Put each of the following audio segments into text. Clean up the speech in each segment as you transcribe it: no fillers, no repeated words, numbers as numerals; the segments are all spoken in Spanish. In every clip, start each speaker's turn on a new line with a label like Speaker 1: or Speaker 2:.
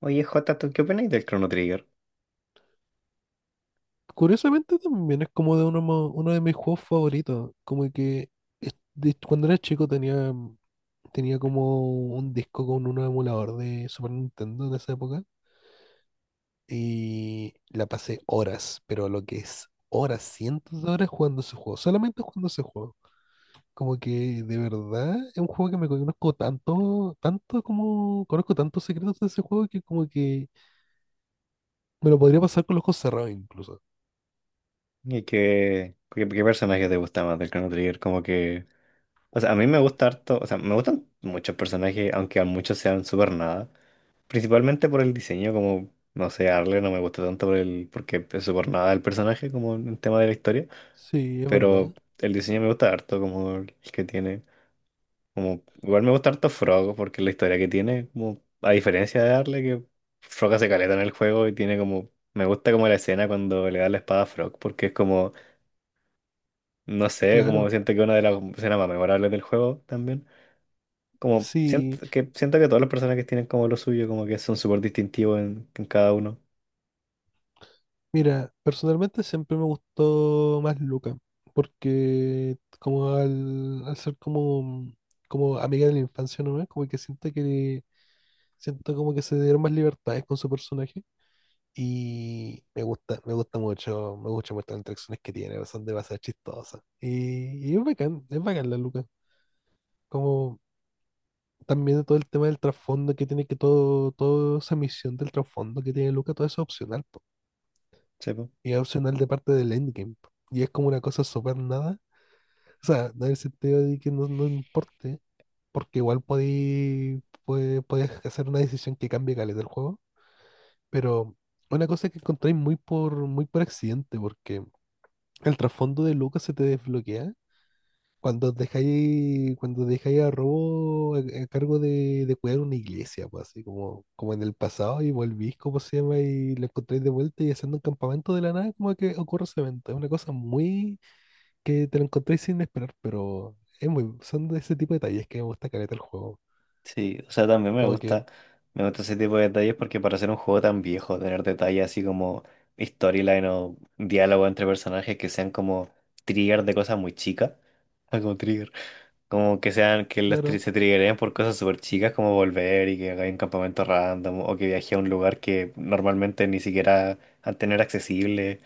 Speaker 1: Oye, Jota, ¿tú qué opinas del Chrono Trigger?
Speaker 2: Curiosamente también es como uno de mis juegos favoritos. Como que cuando era chico tenía, tenía como un disco con un emulador de Super Nintendo de esa época. Y la pasé horas, pero lo que es horas, cientos de horas jugando ese juego. Solamente jugando ese juego. Como que de verdad es un juego que me conozco tanto, tanto como conozco tantos secretos de ese juego que como que me lo podría pasar con los ojos cerrados incluso.
Speaker 1: ¿Y qué personaje te gusta más del Chrono Trigger? Como que, o sea, a mí me gusta harto, o sea, me gustan muchos personajes, aunque a muchos sean súper nada. Principalmente por el diseño, como, no sé, Arle no me gusta tanto porque es súper nada el personaje, como en tema de la historia.
Speaker 2: Sí, es verdad.
Speaker 1: Pero el diseño me gusta harto, como el que tiene. Como, igual me gusta harto Frog porque la historia que tiene, como, a diferencia de Darle, que Frog hace caleta en el juego y tiene como, me gusta como la escena cuando le da la espada a Frog porque es como, no sé, como
Speaker 2: Claro.
Speaker 1: siento que una de las escenas más memorables del juego también. Como
Speaker 2: Sí,
Speaker 1: siento que todos los personajes tienen como lo suyo, como que son súper distintivos en cada uno.
Speaker 2: mira, personalmente siempre me gustó más Luca, porque como al ser como, como amiga de la infancia, ¿no? Como que siento como que se dieron más libertades con su personaje y me gusta mucho las interacciones que tiene, son demasiado chistosas. Y es bacán la Luca. Como también todo el tema del trasfondo que tiene que todo, toda esa misión del trasfondo que tiene Luca, todo eso es opcional, po. Y es opcional de parte del endgame. Y es como una cosa súper nada. O sea, no en el sentido de que no, no importe, porque igual podéis hacer una decisión que cambie caleta el juego. Pero una cosa que encontráis muy por, muy por accidente, porque el trasfondo de Lucas se te desbloquea cuando dejáis a Robo a cargo de cuidar una iglesia, pues así como, como en el pasado, y volvís, como se llama, y lo encontráis de vuelta y haciendo un campamento de la nada, como que ocurre ese evento. Es una cosa muy que te lo encontréis sin esperar, pero es muy, son de ese tipo de detalles que me gusta caleta el juego.
Speaker 1: Sí, o sea, también me
Speaker 2: Como que,
Speaker 1: gusta, me gusta ese tipo de detalles porque para ser un juego tan viejo, tener detalles así como storyline o diálogo entre personajes que sean como trigger de cosas muy chicas, ah, como trigger, como que sean que
Speaker 2: claro,
Speaker 1: se triggeren por cosas súper chicas como volver y que hagáis un campamento random o que viaje a un lugar que normalmente ni siquiera al tener accesible.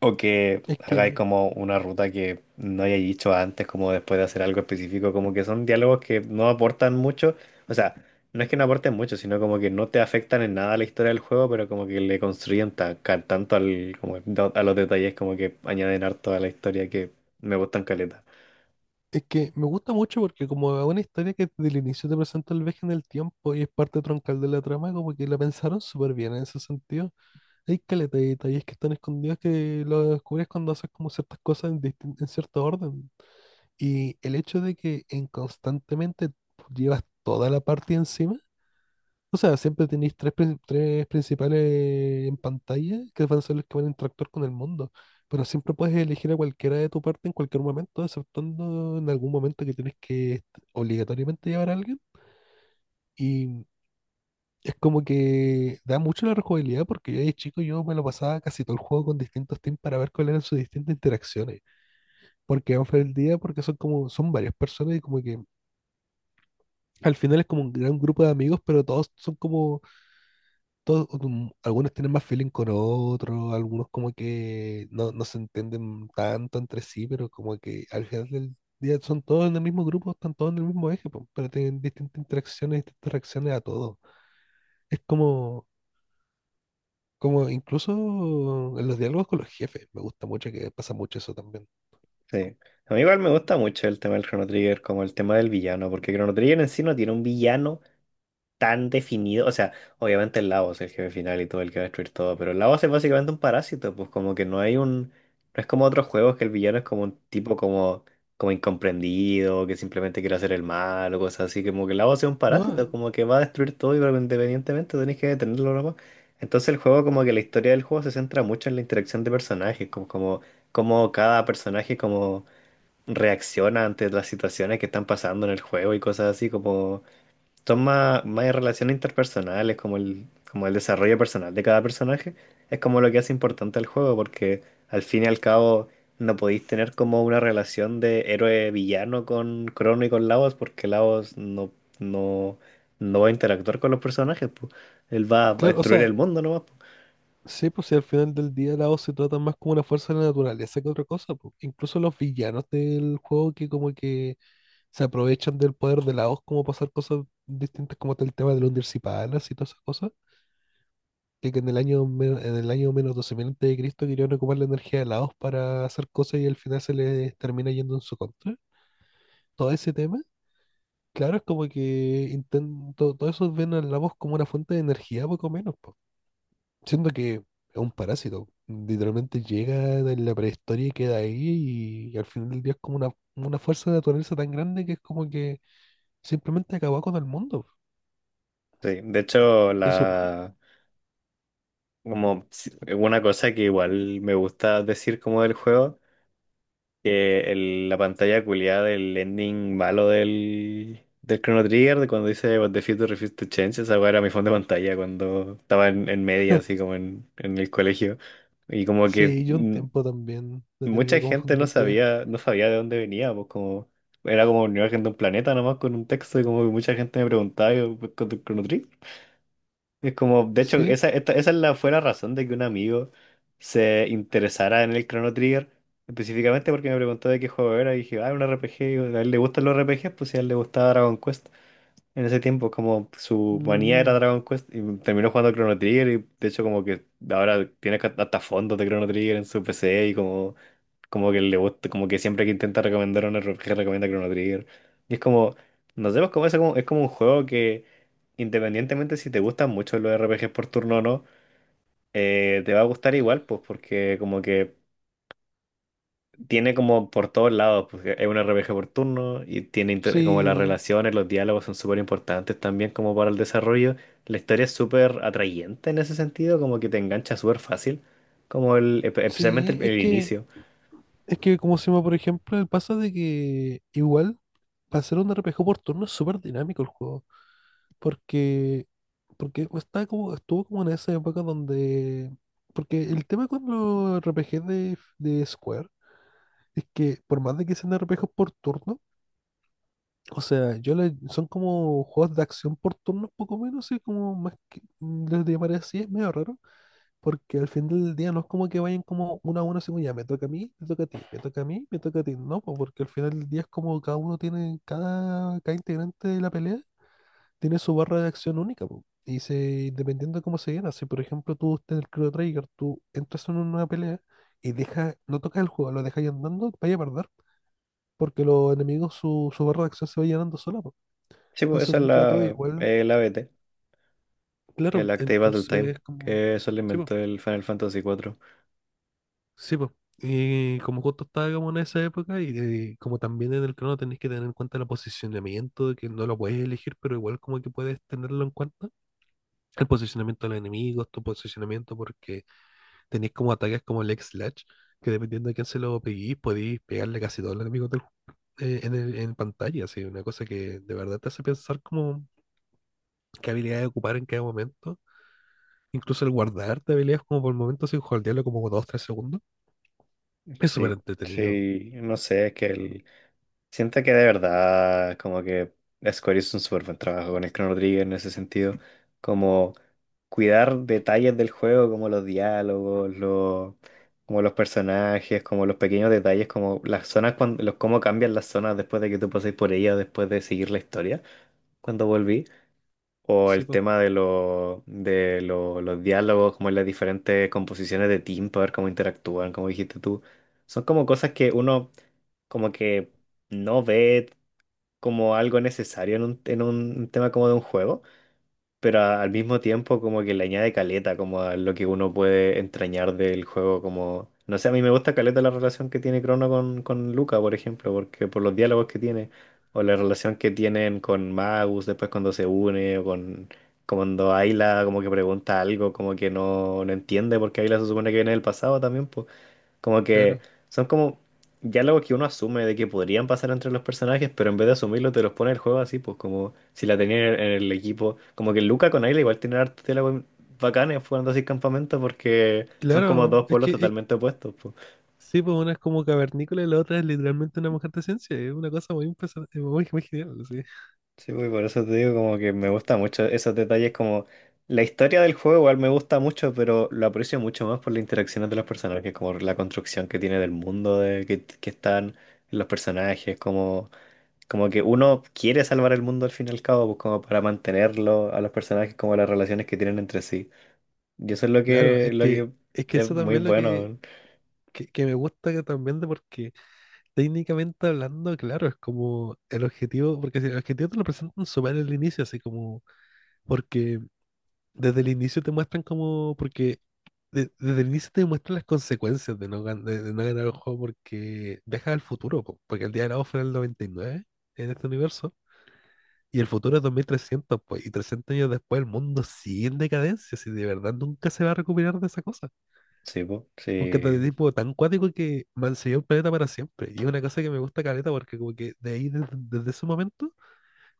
Speaker 1: O que
Speaker 2: es
Speaker 1: hagáis
Speaker 2: que,
Speaker 1: como una ruta que no hayáis dicho antes, como después de hacer algo específico, como que son diálogos que no aportan mucho. O sea, no es que no aporten mucho, sino como que no te afectan en nada a la historia del juego, pero como que le construyen tanto al, a los detalles, como que añaden harto a la historia que me gustan caleta.
Speaker 2: es que me gusta mucho porque como es una historia que desde el inicio te presenta el viaje en el tiempo y es parte troncal de la trama, como que la pensaron súper bien en ese sentido. Hay caleta de detalles que están escondidos que lo descubres cuando haces como ciertas cosas en cierto orden. Y el hecho de que en constantemente llevas toda la partida encima. O sea, siempre tenéis tres principales en pantalla que van a ser los que van a interactuar con el mundo. Pero siempre puedes elegir a cualquiera de tu parte en cualquier momento, exceptuando en algún momento que obligatoriamente llevar a alguien. Y es como que da mucho la rejugabilidad porque yo de chico yo me lo pasaba casi todo el juego con distintos teams para ver cuáles eran sus distintas interacciones. Porque vamos el día, porque son como, son varias personas y como que al final es como un gran grupo de amigos, pero todos son como todos, algunos tienen más feeling con otros, algunos como que no, no se entienden tanto entre sí, pero como que al final del día son todos en el mismo grupo, están todos en el mismo eje, po, pero tienen distintas interacciones, distintas reacciones a todo. Es como, como incluso en los diálogos con los jefes, me gusta mucho que pasa mucho eso también.
Speaker 1: Sí. A mí igual me gusta mucho el tema del Chrono Trigger, como el tema del villano, porque Chrono Trigger en sí no tiene un villano tan definido. O sea, obviamente el Lavos es el jefe final y todo el que va a destruir todo, pero el Lavos es básicamente un parásito, pues como que no hay un... No es como otros juegos que el villano es como un tipo como, como incomprendido, que simplemente quiere hacer el mal o cosas así, como que el Lavos es un parásito,
Speaker 2: No,
Speaker 1: como que va a destruir todo y pero independientemente tenés que detenerlo nomás. Entonces el juego, como que la historia del juego se centra mucho en la interacción de personajes, como cada personaje como reacciona ante las situaciones que están pasando en el juego y cosas así, como son más, más relaciones interpersonales, como el desarrollo personal de cada personaje, es como lo que hace importante el juego, porque al fin y al cabo no podéis tener como una relación de héroe-villano con Crono y con Lavos, porque Lavos no, no va a interactuar con los personajes, po. Él va a
Speaker 2: claro, o
Speaker 1: destruir
Speaker 2: sea,
Speaker 1: el mundo nomás, po.
Speaker 2: sí, pues si al final del día la voz se trata más como una fuerza de la naturaleza que otra cosa, po. Incluso los villanos del juego que como que se aprovechan del poder de la voz como para hacer cosas distintas, como el tema de los Dircipalas y todas esas cosas, que, en el año menos 12.000 antes de Cristo querían ocupar la energía de la voz para hacer cosas y al final se les termina yendo en su contra. Todo ese tema, claro, es como que intento, todo eso ven a la voz como una fuente de energía, poco menos, po. Siendo que es un parásito. Literalmente llega en la prehistoria y queda ahí y, al final del día es como una fuerza de naturaleza tan grande que es como que simplemente acabó con el mundo.
Speaker 1: Sí, de hecho,
Speaker 2: Eso, bro.
Speaker 1: la, como si- una cosa que igual me gusta decir como del juego. La pantalla culiada del ending malo del Chrono Trigger, de cuando dice "What the future refused to change", esa weá era mi fondo de pantalla cuando estaba en media, así como en el colegio. Y como que
Speaker 2: Sí, yo un tiempo también la
Speaker 1: mucha
Speaker 2: tenía como
Speaker 1: gente
Speaker 2: fondo de pantalla.
Speaker 1: no sabía de dónde venía, pues como era como una imagen de un planeta nomás con un texto, y como que mucha gente me preguntaba, yo, pues, con tu Chrono Trigger. Es como, de hecho,
Speaker 2: Sí,
Speaker 1: esa, esta- esa es la, fue la razón de que un amigo se interesara en el Chrono Trigger, específicamente porque me preguntó de qué juego era y dije, ah, un RPG, y yo, a él le gustan los RPGs, pues si a él le gustaba Dragon Quest. En ese tiempo, como su manía era
Speaker 2: mm,
Speaker 1: Dragon Quest, y terminó jugando Chrono Trigger y de hecho como que ahora tiene hasta fondos de Chrono Trigger en su PC y como que le gusta, como que siempre que intenta recomendar un RPG recomienda Chrono Trigger. Y es como, no sé, pues como es como un juego que independientemente si te gustan mucho los RPGs por turno o no, te va a gustar igual, pues porque como que tiene como por todos lados, porque es un RPG por turno y tiene como las
Speaker 2: sí,
Speaker 1: relaciones, los diálogos son súper importantes también como para el desarrollo. La historia es súper atrayente en ese sentido, como que te engancha súper fácil, como el, especialmente
Speaker 2: sí,
Speaker 1: el inicio.
Speaker 2: es que como se llama, por ejemplo, el pasa de que igual para hacer un RPG por turno es súper dinámico el juego, porque, porque está como, estuvo como en esa época donde, porque el tema con los RPG de Square es que por más de que sean RPGs por turno, o sea, son como juegos de acción por turnos, poco menos, así como más que les llamaré así, es medio raro, porque al fin del día no es como que vayan como uno a uno, así como ya me toca a mí, me toca a ti, me toca a mí, me toca a ti, no, po, porque al final del día es como cada uno tiene, cada, cada integrante de la pelea tiene su barra de acción única, po, y se, dependiendo de cómo se llena, si por ejemplo tú estás en el Chrono Trigger, tú entras en una pelea y deja, no tocas el juego, lo dejas ahí andando, vaya a perder, porque los enemigos, su barra de acción se va llenando sola, po.
Speaker 1: Sí, pues esa
Speaker 2: Entonces,
Speaker 1: es
Speaker 2: dentro de todo,
Speaker 1: la,
Speaker 2: igual,
Speaker 1: la B T.
Speaker 2: claro,
Speaker 1: El Act Battle Time,
Speaker 2: entonces, como,
Speaker 1: que eso lo
Speaker 2: sí, pues,
Speaker 1: inventó el Final Fantasy cuatro.
Speaker 2: sí, pues. Y como justo estaba como en esa época, y, como también en el crono tenés que tener en cuenta el posicionamiento, de que no lo puedes elegir, pero igual como que puedes tenerlo en cuenta. El posicionamiento de los enemigos, tu posicionamiento, porque tenés como ataques como el X-Slash, que dependiendo de quién se lo peguís, podéis pegarle casi todos los enemigos en, en pantalla, así, una cosa que de verdad te hace pensar como qué habilidades ocupar en cada momento. Incluso el guardarte habilidades como por momentos sin holdearlo como dos, tres segundos. Es súper
Speaker 1: Sí,
Speaker 2: entretenido.
Speaker 1: sí, no sé, es que el... siento que de verdad, como que Square hizo un súper buen trabajo con el Chrono Trigger en ese sentido, como cuidar detalles del juego, como los diálogos, los... como los personajes, como los pequeños detalles, como las zonas, cuando... los... cómo cambian las zonas después de que tú pases por ellas, después de seguir la historia, cuando volví. O
Speaker 2: Sí,
Speaker 1: el
Speaker 2: pues,
Speaker 1: tema de, los diálogos, como las diferentes composiciones de tiempo, a ver cómo interactúan, como dijiste tú. Son como cosas que uno como que no ve como algo necesario en un tema como de un juego, pero al mismo tiempo como que le añade caleta, como a lo que uno puede entrañar del juego, como... No sé, a mí me gusta caleta la relación que tiene Crono con Luca, por ejemplo, porque por los diálogos que tiene, o la relación que tienen con Magus después cuando se une, o con... Cuando Ayla como que pregunta algo, como que no entiende, porque Ayla se supone que viene del pasado también, pues. Como que
Speaker 2: claro.
Speaker 1: son como diálogos que uno asume de que podrían pasar entre los personajes, pero en vez de asumirlo te los pone el juego así, pues como si la tenían en el equipo. Como que Luca con Ayla igual tienen hartos diálogos bacanes jugando así campamento porque son como
Speaker 2: Claro,
Speaker 1: dos pueblos totalmente opuestos, pues.
Speaker 2: sí, pues una es como cavernícola y la otra es literalmente una mujer de ciencia. Es una cosa muy impresionante, muy, muy genial, sí.
Speaker 1: Sí, pues, y por eso te digo como que me gusta mucho esos detalles, como la historia del juego igual me gusta mucho, pero lo aprecio mucho más por las interacciones de los personajes, como la construcción que tiene del mundo de, que están los personajes, como... Como que uno quiere salvar el mundo al fin y al cabo, pues como para mantenerlo a los personajes, como las relaciones que tienen entre sí. Y eso es
Speaker 2: Claro,
Speaker 1: lo que
Speaker 2: es que
Speaker 1: es
Speaker 2: eso
Speaker 1: muy
Speaker 2: también es lo
Speaker 1: bueno, weón.
Speaker 2: que me gusta que también de porque técnicamente hablando, claro, es como el objetivo, porque si el objetivo te lo presentan súper al inicio, así como, porque desde el inicio te muestran como, porque desde el inicio te muestran las consecuencias de no, de no ganar el juego porque viajas al futuro, po, porque el día de la voz fue en el 99 en este universo y el futuro es 2300, pues, y 300 años después el mundo sigue en decadencia, si de verdad nunca se va a recuperar de esa cosa.
Speaker 1: Sí, pues,
Speaker 2: Un
Speaker 1: sí,
Speaker 2: tipo tan cuático que mancilló el planeta para siempre. Y es una cosa que me gusta caleta porque como que de ahí, desde, desde ese momento,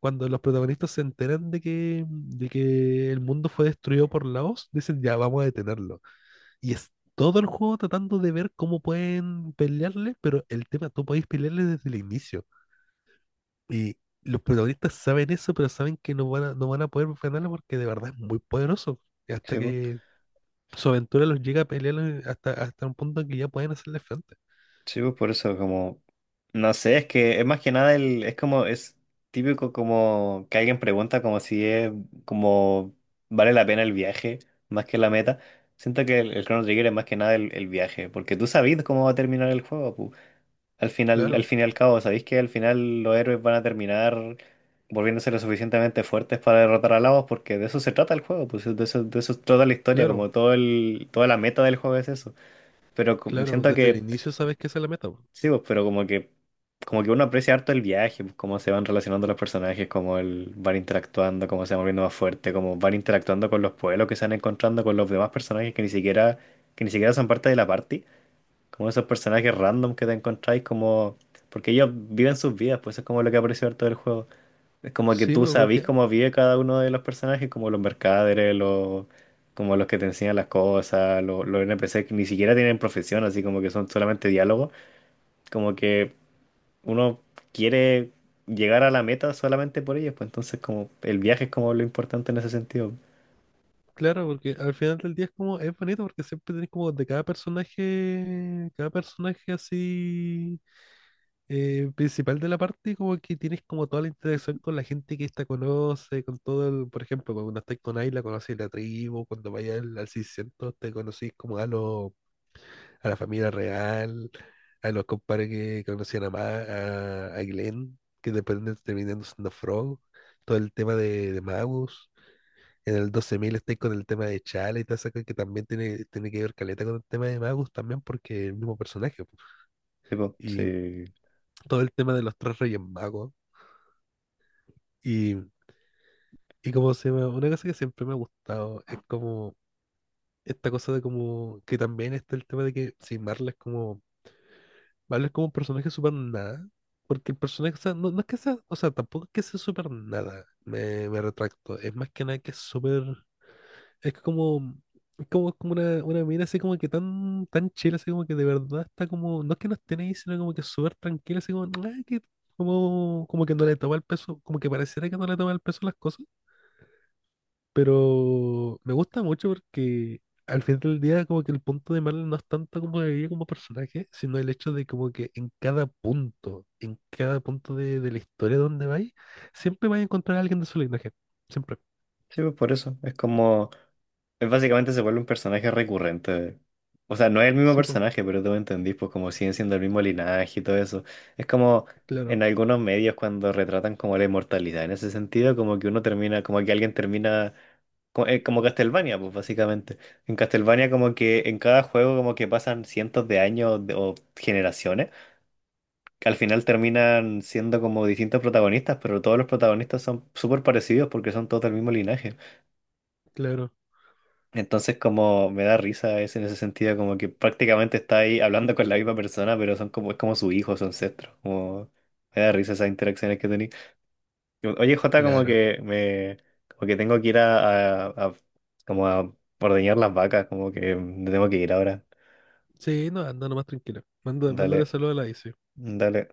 Speaker 2: cuando los protagonistas se enteran de que el mundo fue destruido por la voz, dicen ya vamos a detenerlo. Y es todo el juego tratando de ver cómo pueden pelearle, pero el tema, tú podéis pelearle desde el inicio. Y los protagonistas saben eso, pero saben que no van a poder frenarlo porque de verdad es muy poderoso. Y hasta
Speaker 1: sí, pues,
Speaker 2: que su aventura los llega a pelear hasta un punto en que ya pueden hacerle frente.
Speaker 1: sí, pues, por eso como, no sé, es que es más que nada el, es como, es típico como que alguien pregunta como si es, como vale la pena el viaje más que la meta. Siento que el Chrono Trigger es más que nada el, el viaje, porque tú sabes cómo va a terminar el juego, pu. Al final, al
Speaker 2: Claro,
Speaker 1: fin y al cabo, ¿sabéis que al final los héroes van a terminar volviéndose lo suficientemente fuertes para derrotar a Lavos? Porque de eso se trata el juego, pues de eso trata la historia, como
Speaker 2: claro,
Speaker 1: todo el, toda la meta del juego es eso. Pero
Speaker 2: claro.
Speaker 1: siento
Speaker 2: Desde el
Speaker 1: que,
Speaker 2: inicio sabes que esa es la meta, po.
Speaker 1: sí, pues, pero como que uno aprecia harto el viaje, pues, cómo se van relacionando los personajes, cómo el, van interactuando, cómo se van volviendo más fuertes, cómo van interactuando con los pueblos que se van encontrando, con los demás personajes que ni siquiera son parte de la party. Como esos personajes random que te encontráis, como. Porque ellos viven sus vidas, pues eso es como lo que aprecio harto del juego. Es como que
Speaker 2: Sí,
Speaker 1: tú
Speaker 2: po,
Speaker 1: sabís
Speaker 2: porque,
Speaker 1: cómo vive cada uno de los personajes, como los mercaderes, los. Como los que te enseñan las cosas, los NPC que ni siquiera tienen profesión, así como que son solamente diálogos. Como que uno quiere llegar a la meta solamente por ellos, pues entonces como el viaje es como lo importante en ese sentido.
Speaker 2: claro, porque al final del día es como, es bonito porque siempre tenés como de cada personaje así principal de la parte, como que tienes como toda la interacción con la gente que esta conoce, con todo el, por ejemplo, cuando estás con Ayla conoces la tribu, cuando vayas al 600 te conocís como a, los a la familia real, a los compadres que conocían a, a Glenn, que dependen terminando siendo Frog, todo el tema de Magus. En el 12.000 estáis con el tema de Chala y toda esa cosa que también tiene, tiene que ver caleta con el tema de Magus también porque es el mismo personaje, pues.
Speaker 1: Tipo,
Speaker 2: Y
Speaker 1: sí.
Speaker 2: todo el tema de los tres reyes magos. Y, y como se llama, una cosa que siempre me ha gustado es como esta cosa de como que también está el tema de que si Marla es como, Marla es como un personaje súper nada, porque el personaje, o sea, no, no es que sea, o sea, tampoco es que sea súper nada, me retracto, es más que nada que es súper, es que como, es como, es como una mina así como que tan, tan chila, así como que de verdad está como, no es que no esté ahí, sino como que súper tranquila, así como, "Ah, que, como, como que no le toma el peso, como que pareciera que no le toma el peso a las cosas. Pero me gusta mucho porque al final del día como que el punto de Marvel no es tanto como ella como personaje, sino el hecho de como que en cada punto de la historia donde vais, siempre vais a encontrar a alguien de su linaje. Siempre.
Speaker 1: Sí, pues por eso. Es como. Él básicamente se vuelve un personaje recurrente. O sea, no es el mismo
Speaker 2: Sí, pues,
Speaker 1: personaje, pero tú me entendís, pues como siguen siendo el mismo linaje y todo eso. Es como en
Speaker 2: claro,
Speaker 1: algunos medios cuando retratan como la inmortalidad en ese sentido, como que uno termina, como que alguien termina, como, Castlevania, pues básicamente. En Castlevania como que en cada juego como que pasan cientos de años o generaciones, que al final terminan siendo como distintos protagonistas, pero todos los protagonistas son súper parecidos porque son todos del mismo linaje.
Speaker 2: claro,
Speaker 1: Entonces como me da risa es en ese sentido, como que prácticamente está ahí hablando con la misma persona, pero son como, es como su hijo, su ancestro. Como, me da risa esas interacciones que tenía. Oye, Jota, como
Speaker 2: claro.
Speaker 1: que me, como que tengo que ir como a ordeñar las vacas, como que me tengo que ir ahora.
Speaker 2: Sí, no, anda nomás tranquila. Manda, mándale
Speaker 1: Dale,
Speaker 2: saludo a la Izzy.
Speaker 1: dale.